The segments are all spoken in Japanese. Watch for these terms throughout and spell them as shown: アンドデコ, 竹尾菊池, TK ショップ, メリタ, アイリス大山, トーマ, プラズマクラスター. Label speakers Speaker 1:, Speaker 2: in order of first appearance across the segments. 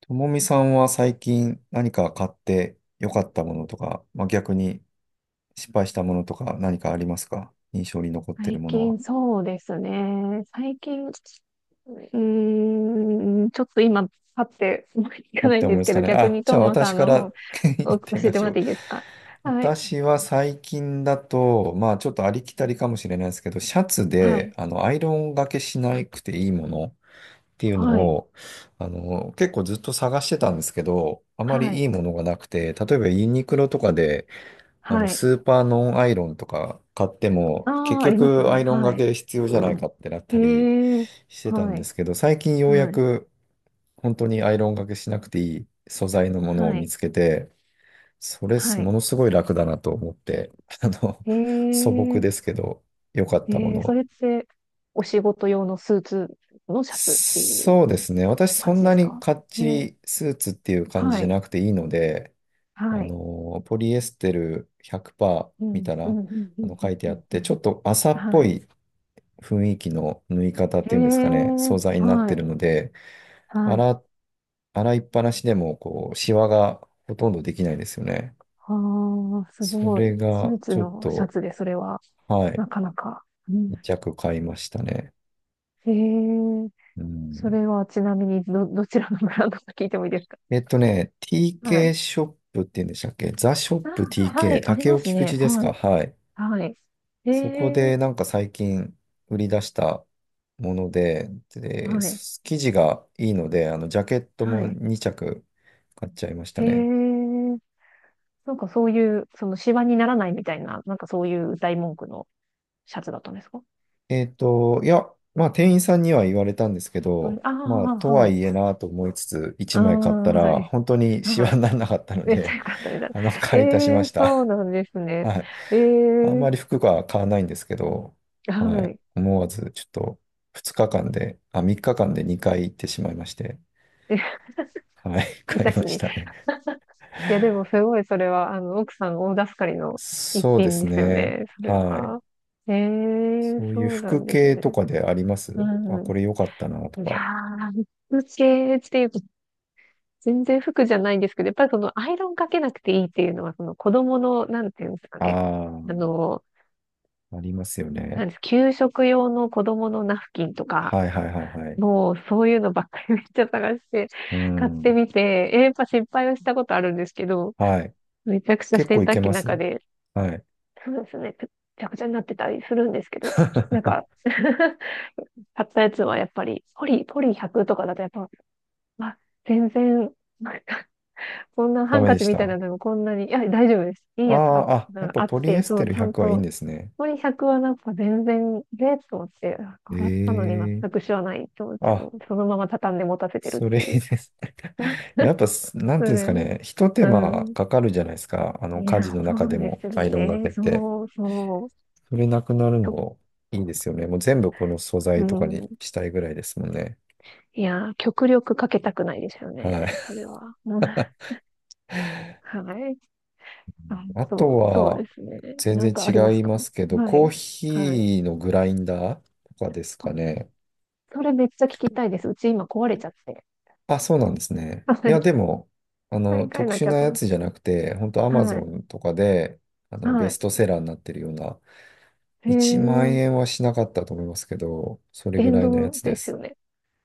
Speaker 1: ともみさんは最近何か買って良かったものとか、まあ、逆に失敗したものとか何かありますか、印象に残ってる
Speaker 2: 最
Speaker 1: ものは？
Speaker 2: 近そうですね。最近、ちょっと今、パッて思いつ
Speaker 1: あ
Speaker 2: か
Speaker 1: っ
Speaker 2: ない
Speaker 1: て
Speaker 2: ん
Speaker 1: 思い
Speaker 2: で
Speaker 1: ま
Speaker 2: す
Speaker 1: す
Speaker 2: け
Speaker 1: か
Speaker 2: ど、
Speaker 1: ね。
Speaker 2: 逆
Speaker 1: あ、
Speaker 2: に
Speaker 1: じゃ
Speaker 2: トー
Speaker 1: あ
Speaker 2: マさ
Speaker 1: 私
Speaker 2: ん
Speaker 1: か
Speaker 2: の
Speaker 1: ら 言
Speaker 2: 方を
Speaker 1: っ
Speaker 2: 教
Speaker 1: て
Speaker 2: え
Speaker 1: みま
Speaker 2: て
Speaker 1: し
Speaker 2: もら
Speaker 1: ょ
Speaker 2: っ
Speaker 1: う。
Speaker 2: ていいですか？はい。
Speaker 1: 私は最近だと、まあちょっとありきたりかもしれないですけど、シャツ
Speaker 2: は
Speaker 1: で
Speaker 2: い。
Speaker 1: アイロンがけしなくていいものっていうの
Speaker 2: はい。
Speaker 1: を、結構ずっと探してたんですけど、あま
Speaker 2: は
Speaker 1: りい
Speaker 2: い。
Speaker 1: いものがなくて、例えばユニクロとかで、
Speaker 2: はい。
Speaker 1: スーパーノンアイロンとか買っても、結
Speaker 2: ああ、あります
Speaker 1: 局ア
Speaker 2: ね。
Speaker 1: イロン
Speaker 2: は
Speaker 1: が
Speaker 2: い。
Speaker 1: け必要じゃないかってなっ
Speaker 2: へ
Speaker 1: たり
Speaker 2: え。
Speaker 1: してたん
Speaker 2: は
Speaker 1: で
Speaker 2: い。
Speaker 1: すけど、最近ようや
Speaker 2: はい。
Speaker 1: く本当にアイロンがけしなくていい素材のものを
Speaker 2: は
Speaker 1: 見
Speaker 2: い。
Speaker 1: つけて、それ
Speaker 2: は
Speaker 1: も
Speaker 2: い。
Speaker 1: のすごい楽だなと思って、あの、
Speaker 2: へ
Speaker 1: 素朴
Speaker 2: え。
Speaker 1: ですけど、良かっ
Speaker 2: え
Speaker 1: たもの
Speaker 2: ー、そ
Speaker 1: を。
Speaker 2: れって、お仕事用のスーツのシャツっていう
Speaker 1: そうですね。私そ
Speaker 2: 感
Speaker 1: ん
Speaker 2: じで
Speaker 1: な
Speaker 2: す
Speaker 1: に
Speaker 2: か？
Speaker 1: かっ
Speaker 2: え
Speaker 1: ち
Speaker 2: ー、
Speaker 1: りスーツっていう感じ
Speaker 2: は
Speaker 1: じゃ
Speaker 2: い。
Speaker 1: なくていいので、
Speaker 2: はい。
Speaker 1: ポリエステル100%
Speaker 2: う
Speaker 1: 見
Speaker 2: ん、
Speaker 1: た
Speaker 2: うん、
Speaker 1: ら、
Speaker 2: うん、うん、う
Speaker 1: 書い
Speaker 2: ん、
Speaker 1: て
Speaker 2: う
Speaker 1: あっ
Speaker 2: んう
Speaker 1: て、
Speaker 2: ん。
Speaker 1: ちょっと麻っぽ
Speaker 2: はい。
Speaker 1: い雰囲気の縫い方っ
Speaker 2: へ
Speaker 1: ていうんですかね、
Speaker 2: え、
Speaker 1: 素材になっ
Speaker 2: は
Speaker 1: てる
Speaker 2: い、
Speaker 1: ので、
Speaker 2: はい。
Speaker 1: 洗、洗いっぱなしでも、こう、シワがほとんどできないですよね。
Speaker 2: ああ、す
Speaker 1: そ
Speaker 2: ごい。
Speaker 1: れ
Speaker 2: ス
Speaker 1: が、
Speaker 2: ーツ
Speaker 1: ちょっ
Speaker 2: のシャ
Speaker 1: と、
Speaker 2: ツでそれは、
Speaker 1: はい、
Speaker 2: なかなか。うん。
Speaker 1: 2着買いましたね。
Speaker 2: へえ、
Speaker 1: う
Speaker 2: そ
Speaker 1: ん。
Speaker 2: れはちなみにど、どちらのブランドか聞いてもいいですか？は
Speaker 1: TK
Speaker 2: い。
Speaker 1: ショップって言うんでしたっけ、ザショッ
Speaker 2: あ
Speaker 1: プ
Speaker 2: あ、は
Speaker 1: TK、
Speaker 2: い、あり
Speaker 1: 竹
Speaker 2: ま
Speaker 1: 尾
Speaker 2: す
Speaker 1: 菊
Speaker 2: ね。
Speaker 1: 池です
Speaker 2: は
Speaker 1: か、
Speaker 2: い、
Speaker 1: はい。
Speaker 2: はい。へ
Speaker 1: そこで
Speaker 2: え、
Speaker 1: なんか最近売り出したもので、
Speaker 2: はい、
Speaker 1: 生地がいいので、ジャケット
Speaker 2: は
Speaker 1: も
Speaker 2: い。
Speaker 1: 2着買っちゃいました
Speaker 2: へ
Speaker 1: ね。
Speaker 2: え、なんかそういう、その、シワにならないみたいな、なんかそういう大文句のシャツだったんですか？
Speaker 1: いや、まあ、店員さんには言われたんですけど、
Speaker 2: あ
Speaker 1: まあ、
Speaker 2: あ
Speaker 1: と
Speaker 2: ー、は
Speaker 1: は
Speaker 2: い。
Speaker 1: いえなと思いつつ、
Speaker 2: あ
Speaker 1: 1
Speaker 2: あ、
Speaker 1: 枚買った
Speaker 2: は
Speaker 1: ら、
Speaker 2: い。
Speaker 1: 本当にシワ
Speaker 2: は
Speaker 1: に
Speaker 2: い。
Speaker 1: ならなかった の
Speaker 2: めっちゃ
Speaker 1: で、
Speaker 2: 良かったみたいな。え
Speaker 1: 買い足しま
Speaker 2: え、
Speaker 1: した。
Speaker 2: そうなんです ね。
Speaker 1: はい。
Speaker 2: え
Speaker 1: あん
Speaker 2: え、
Speaker 1: まり服が買わないんですけど、は
Speaker 2: は
Speaker 1: い。
Speaker 2: い。
Speaker 1: 思わず、ちょっと、2日間で、あ、3日間で2回行ってしまいまして、
Speaker 2: え、
Speaker 1: はい、
Speaker 2: 配
Speaker 1: 買い
Speaker 2: 達
Speaker 1: まし
Speaker 2: に。い
Speaker 1: たね。
Speaker 2: や、でもすごいそれは、奥さん大助かりの一
Speaker 1: そうで
Speaker 2: 品
Speaker 1: す
Speaker 2: ですよ
Speaker 1: ね。
Speaker 2: ね、それ
Speaker 1: はい。
Speaker 2: は。ええ、
Speaker 1: そういう
Speaker 2: そうな
Speaker 1: 服
Speaker 2: んです
Speaker 1: 系と
Speaker 2: ね。
Speaker 1: かであります、あ、
Speaker 2: う
Speaker 1: これ良かったなと
Speaker 2: ん。いや
Speaker 1: か。
Speaker 2: ー、服系っていうと、全然服じゃないんですけど、やっぱりそのアイロンかけなくていいっていうのは、その子供の、なんていうんですかね。
Speaker 1: あ
Speaker 2: あ
Speaker 1: あ、
Speaker 2: の、
Speaker 1: ありますよ
Speaker 2: な
Speaker 1: ね。
Speaker 2: んです、給食用の子供のナフキンとか、
Speaker 1: はいはいはいはい。
Speaker 2: もうそういうのばっかりめっちゃ探して
Speaker 1: う
Speaker 2: 買って
Speaker 1: ん。
Speaker 2: みて、えやっぱ失敗はしたことあるんですけど、
Speaker 1: はい。
Speaker 2: めちゃくちゃ
Speaker 1: 結構
Speaker 2: 洗
Speaker 1: い
Speaker 2: 濯
Speaker 1: け
Speaker 2: 機
Speaker 1: ま
Speaker 2: の
Speaker 1: す。
Speaker 2: 中で、
Speaker 1: はい。
Speaker 2: そうですね、くちゃくちゃになってたりするんですけど、なんか 買ったやつはやっぱり、ポリ100とかだとやっぱ、あ、全然、なんかこんなハ
Speaker 1: ダ
Speaker 2: ン
Speaker 1: メ
Speaker 2: カ
Speaker 1: で
Speaker 2: チ
Speaker 1: し
Speaker 2: みたいな
Speaker 1: た。
Speaker 2: のもこんなに、いや、大丈夫です。いい
Speaker 1: あ
Speaker 2: やつが
Speaker 1: あ、あ、やっぱ
Speaker 2: あっ
Speaker 1: ポリエ
Speaker 2: て、
Speaker 1: ス
Speaker 2: そ
Speaker 1: テ
Speaker 2: う、
Speaker 1: ル
Speaker 2: ちゃん
Speaker 1: 100はいいん
Speaker 2: と、
Speaker 1: ですね。
Speaker 2: ポリ100はなんか全然、えーと思って、あ
Speaker 1: え
Speaker 2: 洗ったのに
Speaker 1: え、
Speaker 2: 全く知らないと思って、も
Speaker 1: あ、
Speaker 2: うそのまま畳んで持たせてる
Speaker 1: そ
Speaker 2: っ
Speaker 1: れ
Speaker 2: てい
Speaker 1: いい
Speaker 2: う。
Speaker 1: です。やっぱ、なん
Speaker 2: そ
Speaker 1: ていうんです
Speaker 2: れ
Speaker 1: か
Speaker 2: は、
Speaker 1: ね、一手
Speaker 2: う
Speaker 1: 間
Speaker 2: ん。
Speaker 1: かかるじゃないですか。
Speaker 2: い
Speaker 1: 家事
Speaker 2: や、
Speaker 1: の中
Speaker 2: そ
Speaker 1: で
Speaker 2: うで
Speaker 1: も
Speaker 2: すよ
Speaker 1: アイロンが
Speaker 2: ね。
Speaker 1: けって。
Speaker 2: そうそう。
Speaker 1: それなくなる
Speaker 2: きょ、
Speaker 1: のいいですよね。もう全部この素
Speaker 2: う
Speaker 1: 材とかに
Speaker 2: ん。
Speaker 1: したいぐらいですもんね。
Speaker 2: いや、極力かけたくないですよ
Speaker 1: はい。
Speaker 2: ね。それは。うん。 はい。あ、
Speaker 1: あと
Speaker 2: そう、そうで
Speaker 1: は、
Speaker 2: すね。
Speaker 1: 全
Speaker 2: なん
Speaker 1: 然
Speaker 2: かありま
Speaker 1: 違
Speaker 2: す
Speaker 1: い
Speaker 2: か？
Speaker 1: ますけど、
Speaker 2: は
Speaker 1: コー
Speaker 2: い。はい。
Speaker 1: ヒーのグラインダーとかです
Speaker 2: あ、
Speaker 1: かね。
Speaker 2: それめっちゃ聞きたいです。うち今壊れちゃって。
Speaker 1: あ、そうなんですね。
Speaker 2: は
Speaker 1: いや、
Speaker 2: い。
Speaker 1: でも、
Speaker 2: 買い替え
Speaker 1: 特
Speaker 2: な
Speaker 1: 殊
Speaker 2: きゃ
Speaker 1: な
Speaker 2: と
Speaker 1: や
Speaker 2: 思っ
Speaker 1: つ
Speaker 2: て。
Speaker 1: じゃなくて、本当アマ
Speaker 2: は
Speaker 1: ゾ
Speaker 2: い。
Speaker 1: ンとかで、ベ
Speaker 2: は
Speaker 1: ス
Speaker 2: い。
Speaker 1: トセラーになってるような、
Speaker 2: へ
Speaker 1: 1万
Speaker 2: え。
Speaker 1: 円はしなかったと思いますけど、それぐ
Speaker 2: 電
Speaker 1: らいのや
Speaker 2: 動
Speaker 1: つで
Speaker 2: ですよ
Speaker 1: す。
Speaker 2: ね。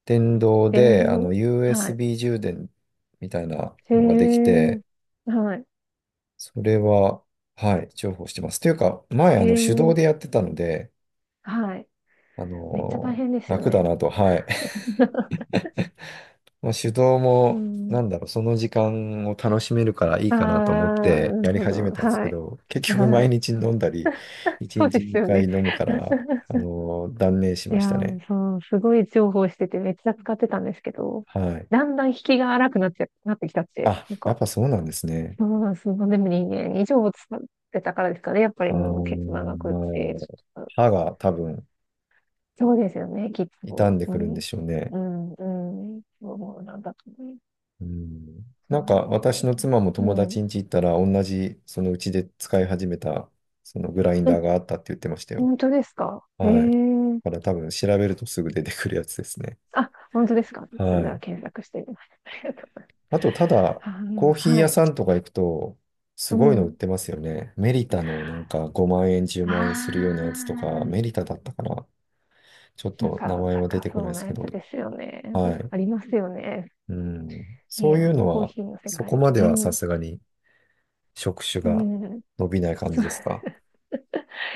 Speaker 1: 電動
Speaker 2: 電
Speaker 1: で、
Speaker 2: 動。はい。
Speaker 1: USB 充電みたいな
Speaker 2: へ
Speaker 1: のができ
Speaker 2: え。
Speaker 1: て、
Speaker 2: はい。
Speaker 1: それは、はい、重宝してます。というか、前、
Speaker 2: へ
Speaker 1: 手動
Speaker 2: え。
Speaker 1: でやってたので、
Speaker 2: はい。めっちゃ大変ですよ
Speaker 1: 楽だ
Speaker 2: ね。
Speaker 1: なと、はい。まあ手動
Speaker 2: う
Speaker 1: も、
Speaker 2: ん。
Speaker 1: なんだろう、その時間を楽しめるからいい
Speaker 2: ああ、
Speaker 1: かなと思って
Speaker 2: なる
Speaker 1: やり
Speaker 2: ほ
Speaker 1: 始め
Speaker 2: ど。
Speaker 1: たんですけ
Speaker 2: はい。
Speaker 1: ど、結局
Speaker 2: は
Speaker 1: 毎
Speaker 2: い。
Speaker 1: 日飲んだり、1
Speaker 2: そうで
Speaker 1: 日
Speaker 2: すよ
Speaker 1: 2回
Speaker 2: ね。
Speaker 1: 飲むから、断念し
Speaker 2: い
Speaker 1: ま
Speaker 2: や
Speaker 1: した
Speaker 2: ー、
Speaker 1: ね。
Speaker 2: そう、すごい重宝しててめっちゃ使ってたんですけど、
Speaker 1: はい。
Speaker 2: だんだん引きが荒くなっちゃ、なってきたって、
Speaker 1: あ、
Speaker 2: なん
Speaker 1: やっ
Speaker 2: か、
Speaker 1: ぱそうなんですね。
Speaker 2: そうなんです。でも2年以上使ってたからですかね。やっぱり
Speaker 1: あ
Speaker 2: もう結構長
Speaker 1: ー、
Speaker 2: くっ
Speaker 1: ま
Speaker 2: て。
Speaker 1: あ、歯が多分
Speaker 2: そうですよね、きっ
Speaker 1: 傷ん
Speaker 2: と。
Speaker 1: で
Speaker 2: う
Speaker 1: くるんで
Speaker 2: ん。
Speaker 1: しょうね。
Speaker 2: うん、うん。そうなんだと思います。
Speaker 1: うん。
Speaker 2: そ
Speaker 1: なん
Speaker 2: う
Speaker 1: か
Speaker 2: です
Speaker 1: 私の
Speaker 2: ね。
Speaker 1: 妻も
Speaker 2: う
Speaker 1: 友
Speaker 2: ん。
Speaker 1: 達ん家行ったら同じ、そのうちで使い始めた、そのグラインダ
Speaker 2: え、
Speaker 1: ーがあったって言ってましたよ。
Speaker 2: 本当ですか？ええ、
Speaker 1: はい。だから多分調べるとすぐ出てくるやつですね。
Speaker 2: あ、本当ですか？
Speaker 1: は
Speaker 2: じゃあ
Speaker 1: い。
Speaker 2: 検索してみます。ありがとうございま
Speaker 1: あと、ただ、コー
Speaker 2: す。
Speaker 1: ヒ
Speaker 2: あ
Speaker 1: ー
Speaker 2: ー、は
Speaker 1: 屋
Speaker 2: い。
Speaker 1: さんとか行くと、す
Speaker 2: う
Speaker 1: ごいの売っ
Speaker 2: ん。
Speaker 1: てますよね。メリタのなんか5万円、10
Speaker 2: あ
Speaker 1: 万円するようなやつとか、メ
Speaker 2: あ。
Speaker 1: リタだったかな。ちょっ
Speaker 2: なん
Speaker 1: と名
Speaker 2: か
Speaker 1: 前は出
Speaker 2: 高
Speaker 1: てこない
Speaker 2: そ
Speaker 1: で
Speaker 2: うな
Speaker 1: すけ
Speaker 2: や
Speaker 1: ど。
Speaker 2: つですよね。
Speaker 1: はい。
Speaker 2: ありますよね。
Speaker 1: うん。
Speaker 2: い
Speaker 1: そうい
Speaker 2: や、
Speaker 1: うの
Speaker 2: コー
Speaker 1: は、
Speaker 2: ヒーの世
Speaker 1: そ
Speaker 2: 界
Speaker 1: こ
Speaker 2: を。
Speaker 1: まで
Speaker 2: う
Speaker 1: はさ
Speaker 2: ん。
Speaker 1: すがに職種
Speaker 2: う
Speaker 1: が
Speaker 2: ん。
Speaker 1: 伸びない感
Speaker 2: そ
Speaker 1: じ
Speaker 2: う、
Speaker 1: ですか。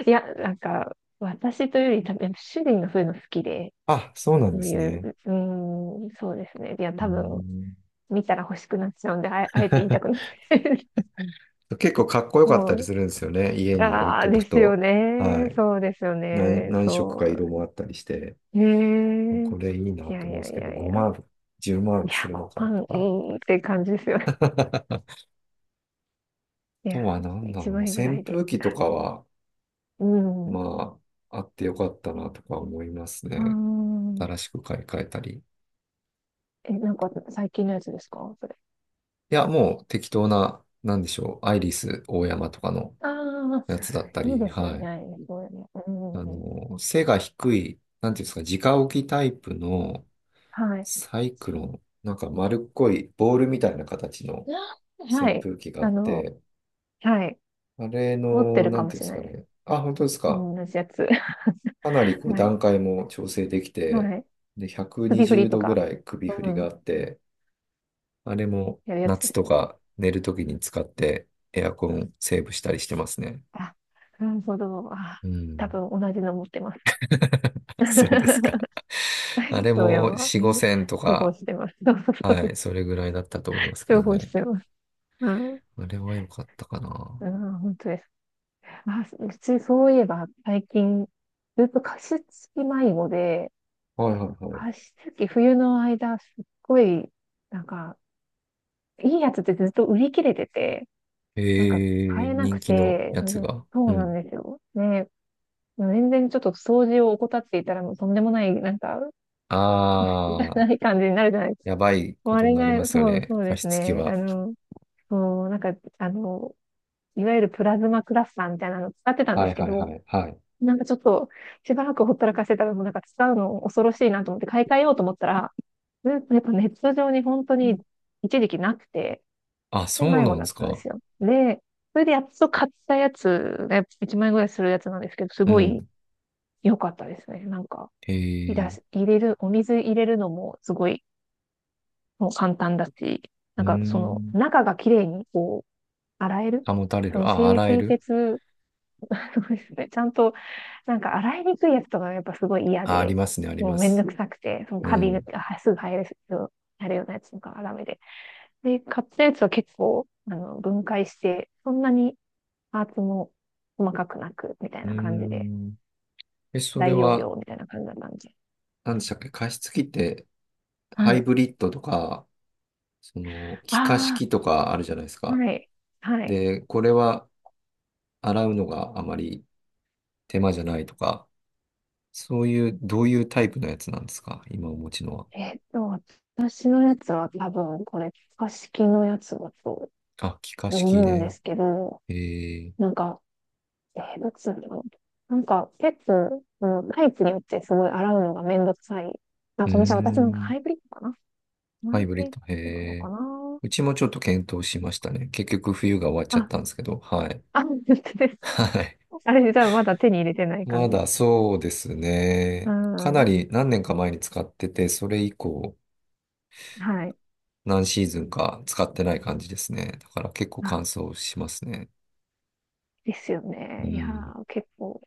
Speaker 2: いや、なんか、私というより多分、主人がそういうの好きで、
Speaker 1: あ、そうなん
Speaker 2: そ
Speaker 1: で
Speaker 2: うい
Speaker 1: すね。
Speaker 2: う、うん、そうですね。いや、
Speaker 1: う
Speaker 2: 多分、
Speaker 1: ん。
Speaker 2: 見たら欲しくなっちゃうんで、あえ、あえて言いたくない。
Speaker 1: 結構かっこ よかったり
Speaker 2: そう。
Speaker 1: するんですよね。家に置い
Speaker 2: ああ、
Speaker 1: と
Speaker 2: で
Speaker 1: く
Speaker 2: すよ
Speaker 1: と。は
Speaker 2: ね。
Speaker 1: い。
Speaker 2: そうですよね。
Speaker 1: 何色
Speaker 2: そ
Speaker 1: か色
Speaker 2: う、
Speaker 1: もあったりして、
Speaker 2: へえ。
Speaker 1: これいい
Speaker 2: い
Speaker 1: な
Speaker 2: や
Speaker 1: と
Speaker 2: い
Speaker 1: 思うんで
Speaker 2: や
Speaker 1: す
Speaker 2: い
Speaker 1: けど、
Speaker 2: やいや。
Speaker 1: 5万、10
Speaker 2: い
Speaker 1: 万す
Speaker 2: や、
Speaker 1: るのか
Speaker 2: 5万、
Speaker 1: と
Speaker 2: う
Speaker 1: か。
Speaker 2: ーんって感じですよね。
Speaker 1: あ
Speaker 2: いや、
Speaker 1: とは何だ
Speaker 2: 1
Speaker 1: ろうな、
Speaker 2: 円ぐら
Speaker 1: 扇
Speaker 2: いで。
Speaker 1: 風機とかは、
Speaker 2: うん。
Speaker 1: まあ、あってよかったなとか思います
Speaker 2: あ
Speaker 1: ね。
Speaker 2: ー、
Speaker 1: 新しく買い替えたり。い
Speaker 2: え、なんか最近のやつですかそれ？
Speaker 1: や、もう適当な、なんでしょう、アイリス大山とかの
Speaker 2: ああ、
Speaker 1: やつだった
Speaker 2: いい
Speaker 1: り、
Speaker 2: ですよ
Speaker 1: は
Speaker 2: ね。
Speaker 1: い。
Speaker 2: あれね、そうよね。うん。
Speaker 1: 背が低い、なんていうんですか、直置きタイプの
Speaker 2: はい。
Speaker 1: サイクロン、なんか丸っこいボールみたいな形の
Speaker 2: あ、は
Speaker 1: 扇
Speaker 2: い。
Speaker 1: 風機があ
Speaker 2: あ
Speaker 1: っ
Speaker 2: の、
Speaker 1: て、
Speaker 2: はい。
Speaker 1: あれ
Speaker 2: 持って
Speaker 1: の、
Speaker 2: る
Speaker 1: な
Speaker 2: か
Speaker 1: んて
Speaker 2: も
Speaker 1: いうん
Speaker 2: し
Speaker 1: で
Speaker 2: れ
Speaker 1: す
Speaker 2: ない
Speaker 1: か
Speaker 2: です。
Speaker 1: ね。あ、本当ですか。
Speaker 2: 同じやつ。
Speaker 1: かなりこう
Speaker 2: はい。
Speaker 1: 段階も調整できて、
Speaker 2: はい。
Speaker 1: で、120
Speaker 2: 首振りと
Speaker 1: 度ぐ
Speaker 2: か、
Speaker 1: らい首振
Speaker 2: う
Speaker 1: りが
Speaker 2: ん。
Speaker 1: あって、あれも
Speaker 2: やるやつ
Speaker 1: 夏
Speaker 2: で
Speaker 1: と
Speaker 2: すよね。
Speaker 1: か寝るときに使ってエアコンセーブしたりしてますね。
Speaker 2: あ、なるほど。あ、
Speaker 1: う
Speaker 2: 多
Speaker 1: ん。
Speaker 2: 分同じの持ってます。
Speaker 1: そうですか。
Speaker 2: ダ
Speaker 1: あ
Speaker 2: イ
Speaker 1: れ
Speaker 2: ストや
Speaker 1: も
Speaker 2: ば、え
Speaker 1: 4、
Speaker 2: ー、
Speaker 1: 5千と
Speaker 2: 重宝
Speaker 1: か、
Speaker 2: してます。そうそうそう
Speaker 1: は
Speaker 2: で
Speaker 1: い、
Speaker 2: す。
Speaker 1: それぐらいだったと思いますけ
Speaker 2: 重
Speaker 1: ど
Speaker 2: 宝し
Speaker 1: ね。
Speaker 2: てます。うん。
Speaker 1: あれは良かったかな。
Speaker 2: うん、本当です。あ、うちそういえば最近、ずっと加湿器迷子で、
Speaker 1: はいはいはい。
Speaker 2: 加湿器冬の間すっごい、なんか、いいやつってずっと売り切れてて、
Speaker 1: え
Speaker 2: なんか買
Speaker 1: ー、
Speaker 2: えな
Speaker 1: 人
Speaker 2: く
Speaker 1: 気の
Speaker 2: て、
Speaker 1: やつ
Speaker 2: ね、
Speaker 1: が。う
Speaker 2: そうなん
Speaker 1: ん。
Speaker 2: ですよ。ね、全然ちょっと掃除を怠っていたらもうとんでもない、なんか、
Speaker 1: あ、
Speaker 2: ない感じになるじゃないですか。
Speaker 1: やばい
Speaker 2: もう
Speaker 1: こ
Speaker 2: あ
Speaker 1: とに
Speaker 2: れ
Speaker 1: なりま
Speaker 2: が、
Speaker 1: すよ
Speaker 2: そう、
Speaker 1: ね。
Speaker 2: そうで
Speaker 1: 加
Speaker 2: す
Speaker 1: 湿器
Speaker 2: ね。
Speaker 1: は。
Speaker 2: そう、なんか、あの、いわゆるプラズマクラスターみたいなのを使ってたんで
Speaker 1: はい
Speaker 2: すけ
Speaker 1: はい
Speaker 2: ど、
Speaker 1: はいはい。
Speaker 2: なんかちょっとしばらくほったらかしてたらもうなんか使うの恐ろしいなと思って買い替えようと思ったら、やっぱネット上に本当
Speaker 1: う
Speaker 2: に
Speaker 1: ん、
Speaker 2: 一時期なくて、
Speaker 1: あ、
Speaker 2: で、
Speaker 1: そう
Speaker 2: 迷
Speaker 1: な
Speaker 2: 子
Speaker 1: んで
Speaker 2: だっ
Speaker 1: す
Speaker 2: たんで
Speaker 1: か。
Speaker 2: すよ。で、それでやっと買ったやつが1万円ぐらいするやつなんですけど、す
Speaker 1: う
Speaker 2: ごい
Speaker 1: ん。
Speaker 2: 良かったですね。なんか、
Speaker 1: え
Speaker 2: いだ
Speaker 1: ー。
Speaker 2: し入れる、お水入れるのもすごい、もう簡単だし、
Speaker 1: う
Speaker 2: な
Speaker 1: ー
Speaker 2: んかその
Speaker 1: ん。
Speaker 2: 中が綺麗にこう洗える、
Speaker 1: 保たれ
Speaker 2: そ
Speaker 1: る。
Speaker 2: の
Speaker 1: あ、
Speaker 2: 清、
Speaker 1: 洗え
Speaker 2: 清
Speaker 1: る。
Speaker 2: 潔 そうですね。ちゃんと、なんか洗いにくいやつとかがやっぱすごい嫌
Speaker 1: あ、あり
Speaker 2: で、
Speaker 1: ますね、あり
Speaker 2: も
Speaker 1: ま
Speaker 2: うめんど
Speaker 1: す。
Speaker 2: くさくて、その
Speaker 1: う
Speaker 2: カビが
Speaker 1: ん。
Speaker 2: はすぐ生えるよやるようなやつとかがダメで。で、買ったやつは結構、分解して、そんなにパーツも細かくなく、みたい
Speaker 1: うー
Speaker 2: な感じで、
Speaker 1: ん。え、そ
Speaker 2: 大
Speaker 1: れ
Speaker 2: 容
Speaker 1: は、
Speaker 2: 量みたいな感じだったんで。
Speaker 1: 何でしたっけ加湿器って、ハ
Speaker 2: は
Speaker 1: イ
Speaker 2: い。
Speaker 1: ブリッドとか、気化
Speaker 2: あ
Speaker 1: 式とかあるじゃないです
Speaker 2: あ、
Speaker 1: か。
Speaker 2: はい。はい。
Speaker 1: で、これは、洗うのがあまり手間じゃないとか、そういう、どういうタイプのやつなんですか、今お持ちのは。
Speaker 2: えっと、私のやつは多分これ、可式のやつだと
Speaker 1: あ、気化式
Speaker 2: 思うんで
Speaker 1: ね。
Speaker 2: すけど、
Speaker 1: へえ、
Speaker 2: なんかえー、どっちなんだろう。なんか、結構、そのタイプによってすごい洗うのがめんどくさい。あ、
Speaker 1: うー
Speaker 2: ごめんなさい。私なんか
Speaker 1: ん、
Speaker 2: ハイブリッドかな、
Speaker 1: ハ
Speaker 2: ハ
Speaker 1: イ
Speaker 2: イ
Speaker 1: ブ
Speaker 2: ブ
Speaker 1: リッ
Speaker 2: リッ
Speaker 1: ド、へ
Speaker 2: ドなの
Speaker 1: え。
Speaker 2: かな。
Speaker 1: うちもちょっと検討しましたね。結局冬が終わっちゃっ
Speaker 2: あ、
Speaker 1: たんですけど、はい。
Speaker 2: あ、本当です。
Speaker 1: はい。
Speaker 2: あれ、じゃあまだ手に入れてない感
Speaker 1: ま
Speaker 2: じ。
Speaker 1: だそうです
Speaker 2: う
Speaker 1: ね。かな
Speaker 2: ん。
Speaker 1: り何年か前に使ってて、それ以降
Speaker 2: はい。
Speaker 1: 何シーズンか使ってない感じですね。だから結構
Speaker 2: あ、
Speaker 1: 乾燥しますね。
Speaker 2: ですよ
Speaker 1: う
Speaker 2: ね。いや
Speaker 1: ん。
Speaker 2: ー、結構、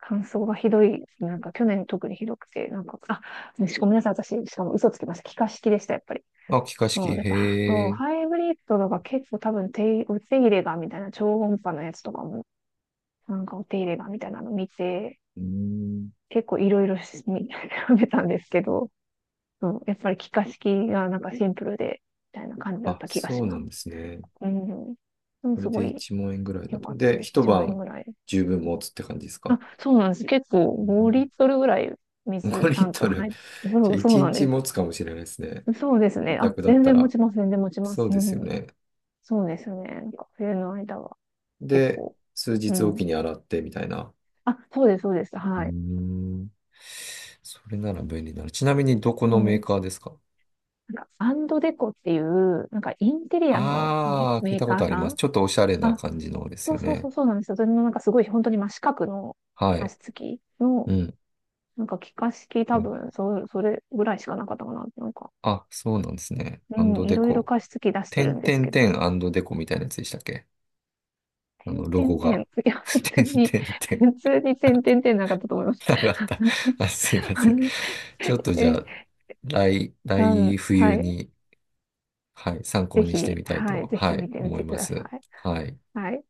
Speaker 2: 乾燥がひどい。なんか、去年特にひどくて、なんか、あ、し、ごめんなさい。私、しかも嘘つきました。気化式でした、やっぱり。
Speaker 1: あ、気化式、
Speaker 2: そう、やっぱ、
Speaker 1: へ
Speaker 2: そ
Speaker 1: え。
Speaker 2: う、
Speaker 1: う
Speaker 2: ハイブリッドとか結構多分手、お手入れがみたいな超音波のやつとかもなんかお手入れがみたいなの見て、
Speaker 1: ん。
Speaker 2: 結構いろいろし調べ たんですけど、そうやっぱり気化式がなんかシンプルで、みたいな感じだっ
Speaker 1: あ、
Speaker 2: た気が
Speaker 1: そ
Speaker 2: し
Speaker 1: うな
Speaker 2: ます。
Speaker 1: んですね。
Speaker 2: うん。でも
Speaker 1: それ
Speaker 2: す
Speaker 1: で
Speaker 2: ごい
Speaker 1: 1万円ぐらいだ
Speaker 2: 良か
Speaker 1: と。
Speaker 2: った
Speaker 1: で、
Speaker 2: です。
Speaker 1: 一
Speaker 2: 1万円
Speaker 1: 晩
Speaker 2: ぐらい。
Speaker 1: 十分持つって感じです
Speaker 2: あ、
Speaker 1: か。
Speaker 2: そうなんです。結構5リットルぐらい
Speaker 1: うん、5
Speaker 2: 水
Speaker 1: リ
Speaker 2: タ
Speaker 1: ッ
Speaker 2: ンク
Speaker 1: トル。
Speaker 2: 入って、
Speaker 1: じ
Speaker 2: そ
Speaker 1: ゃあ
Speaker 2: う、そう
Speaker 1: 一
Speaker 2: なん
Speaker 1: 日
Speaker 2: です。
Speaker 1: 持つかもしれないですね。
Speaker 2: そうです
Speaker 1: 自
Speaker 2: ね。あ、
Speaker 1: 宅だっ
Speaker 2: 全
Speaker 1: た
Speaker 2: 然持
Speaker 1: ら。
Speaker 2: ちます。全然持ちま
Speaker 1: そ
Speaker 2: す。
Speaker 1: う
Speaker 2: う
Speaker 1: ですよ
Speaker 2: ん。
Speaker 1: ね。
Speaker 2: そうですね。なんか冬の間は結
Speaker 1: で、
Speaker 2: 構。
Speaker 1: 数
Speaker 2: う
Speaker 1: 日おき
Speaker 2: ん。
Speaker 1: に洗ってみたいな。
Speaker 2: あ、そうです、そうです。
Speaker 1: うー
Speaker 2: はい。
Speaker 1: ん。それなら便利だな。ちなみにどこ
Speaker 2: う
Speaker 1: のメー
Speaker 2: ん。
Speaker 1: カーですか？
Speaker 2: なんか、アンドデコっていう、なんかインテリアの
Speaker 1: ああー、聞い
Speaker 2: メー
Speaker 1: たこ
Speaker 2: カ
Speaker 1: と
Speaker 2: ー
Speaker 1: あり
Speaker 2: さ
Speaker 1: ます。
Speaker 2: ん、
Speaker 1: ちょっとおしゃれな
Speaker 2: あ、
Speaker 1: 感じのです
Speaker 2: そ
Speaker 1: よ
Speaker 2: うそうそ
Speaker 1: ね。
Speaker 2: うそうなんですよ。それのなんかすごい本当に真四角の
Speaker 1: は
Speaker 2: 加
Speaker 1: い。
Speaker 2: 湿器
Speaker 1: う
Speaker 2: の、
Speaker 1: ん。
Speaker 2: なんか気化式多
Speaker 1: お、
Speaker 2: 分、それぐらいしかなかったかな。なんか、
Speaker 1: あ、そうなんですね。
Speaker 2: う
Speaker 1: アン
Speaker 2: ん、
Speaker 1: ド
Speaker 2: い
Speaker 1: デ
Speaker 2: ろいろ
Speaker 1: コ。
Speaker 2: 加湿器出して
Speaker 1: て
Speaker 2: るん
Speaker 1: ん
Speaker 2: で
Speaker 1: て
Speaker 2: す
Speaker 1: ん
Speaker 2: けど、
Speaker 1: てんアンドデコみたいなやつでしたっけ？あ
Speaker 2: て
Speaker 1: の、
Speaker 2: ん
Speaker 1: ロ
Speaker 2: てん
Speaker 1: ゴ
Speaker 2: てん。
Speaker 1: が。
Speaker 2: いや、普
Speaker 1: て
Speaker 2: 通
Speaker 1: ん
Speaker 2: に、
Speaker 1: てんて
Speaker 2: 普
Speaker 1: ん。
Speaker 2: 通にてんてんてんなかったと思います。
Speaker 1: なかった。あ、すいま
Speaker 2: あ
Speaker 1: せん。
Speaker 2: の、
Speaker 1: ちょっとじゃ
Speaker 2: え、
Speaker 1: あ、
Speaker 2: う
Speaker 1: 来
Speaker 2: ん、は
Speaker 1: 冬
Speaker 2: い。
Speaker 1: に、はい、参
Speaker 2: ぜ
Speaker 1: 考にして
Speaker 2: ひ、
Speaker 1: みたい
Speaker 2: は
Speaker 1: と、
Speaker 2: い、ぜ
Speaker 1: は
Speaker 2: ひ見
Speaker 1: い、
Speaker 2: てみ
Speaker 1: 思
Speaker 2: て
Speaker 1: い
Speaker 2: く
Speaker 1: ま
Speaker 2: だ
Speaker 1: す。
Speaker 2: さい。
Speaker 1: はい。
Speaker 2: はい。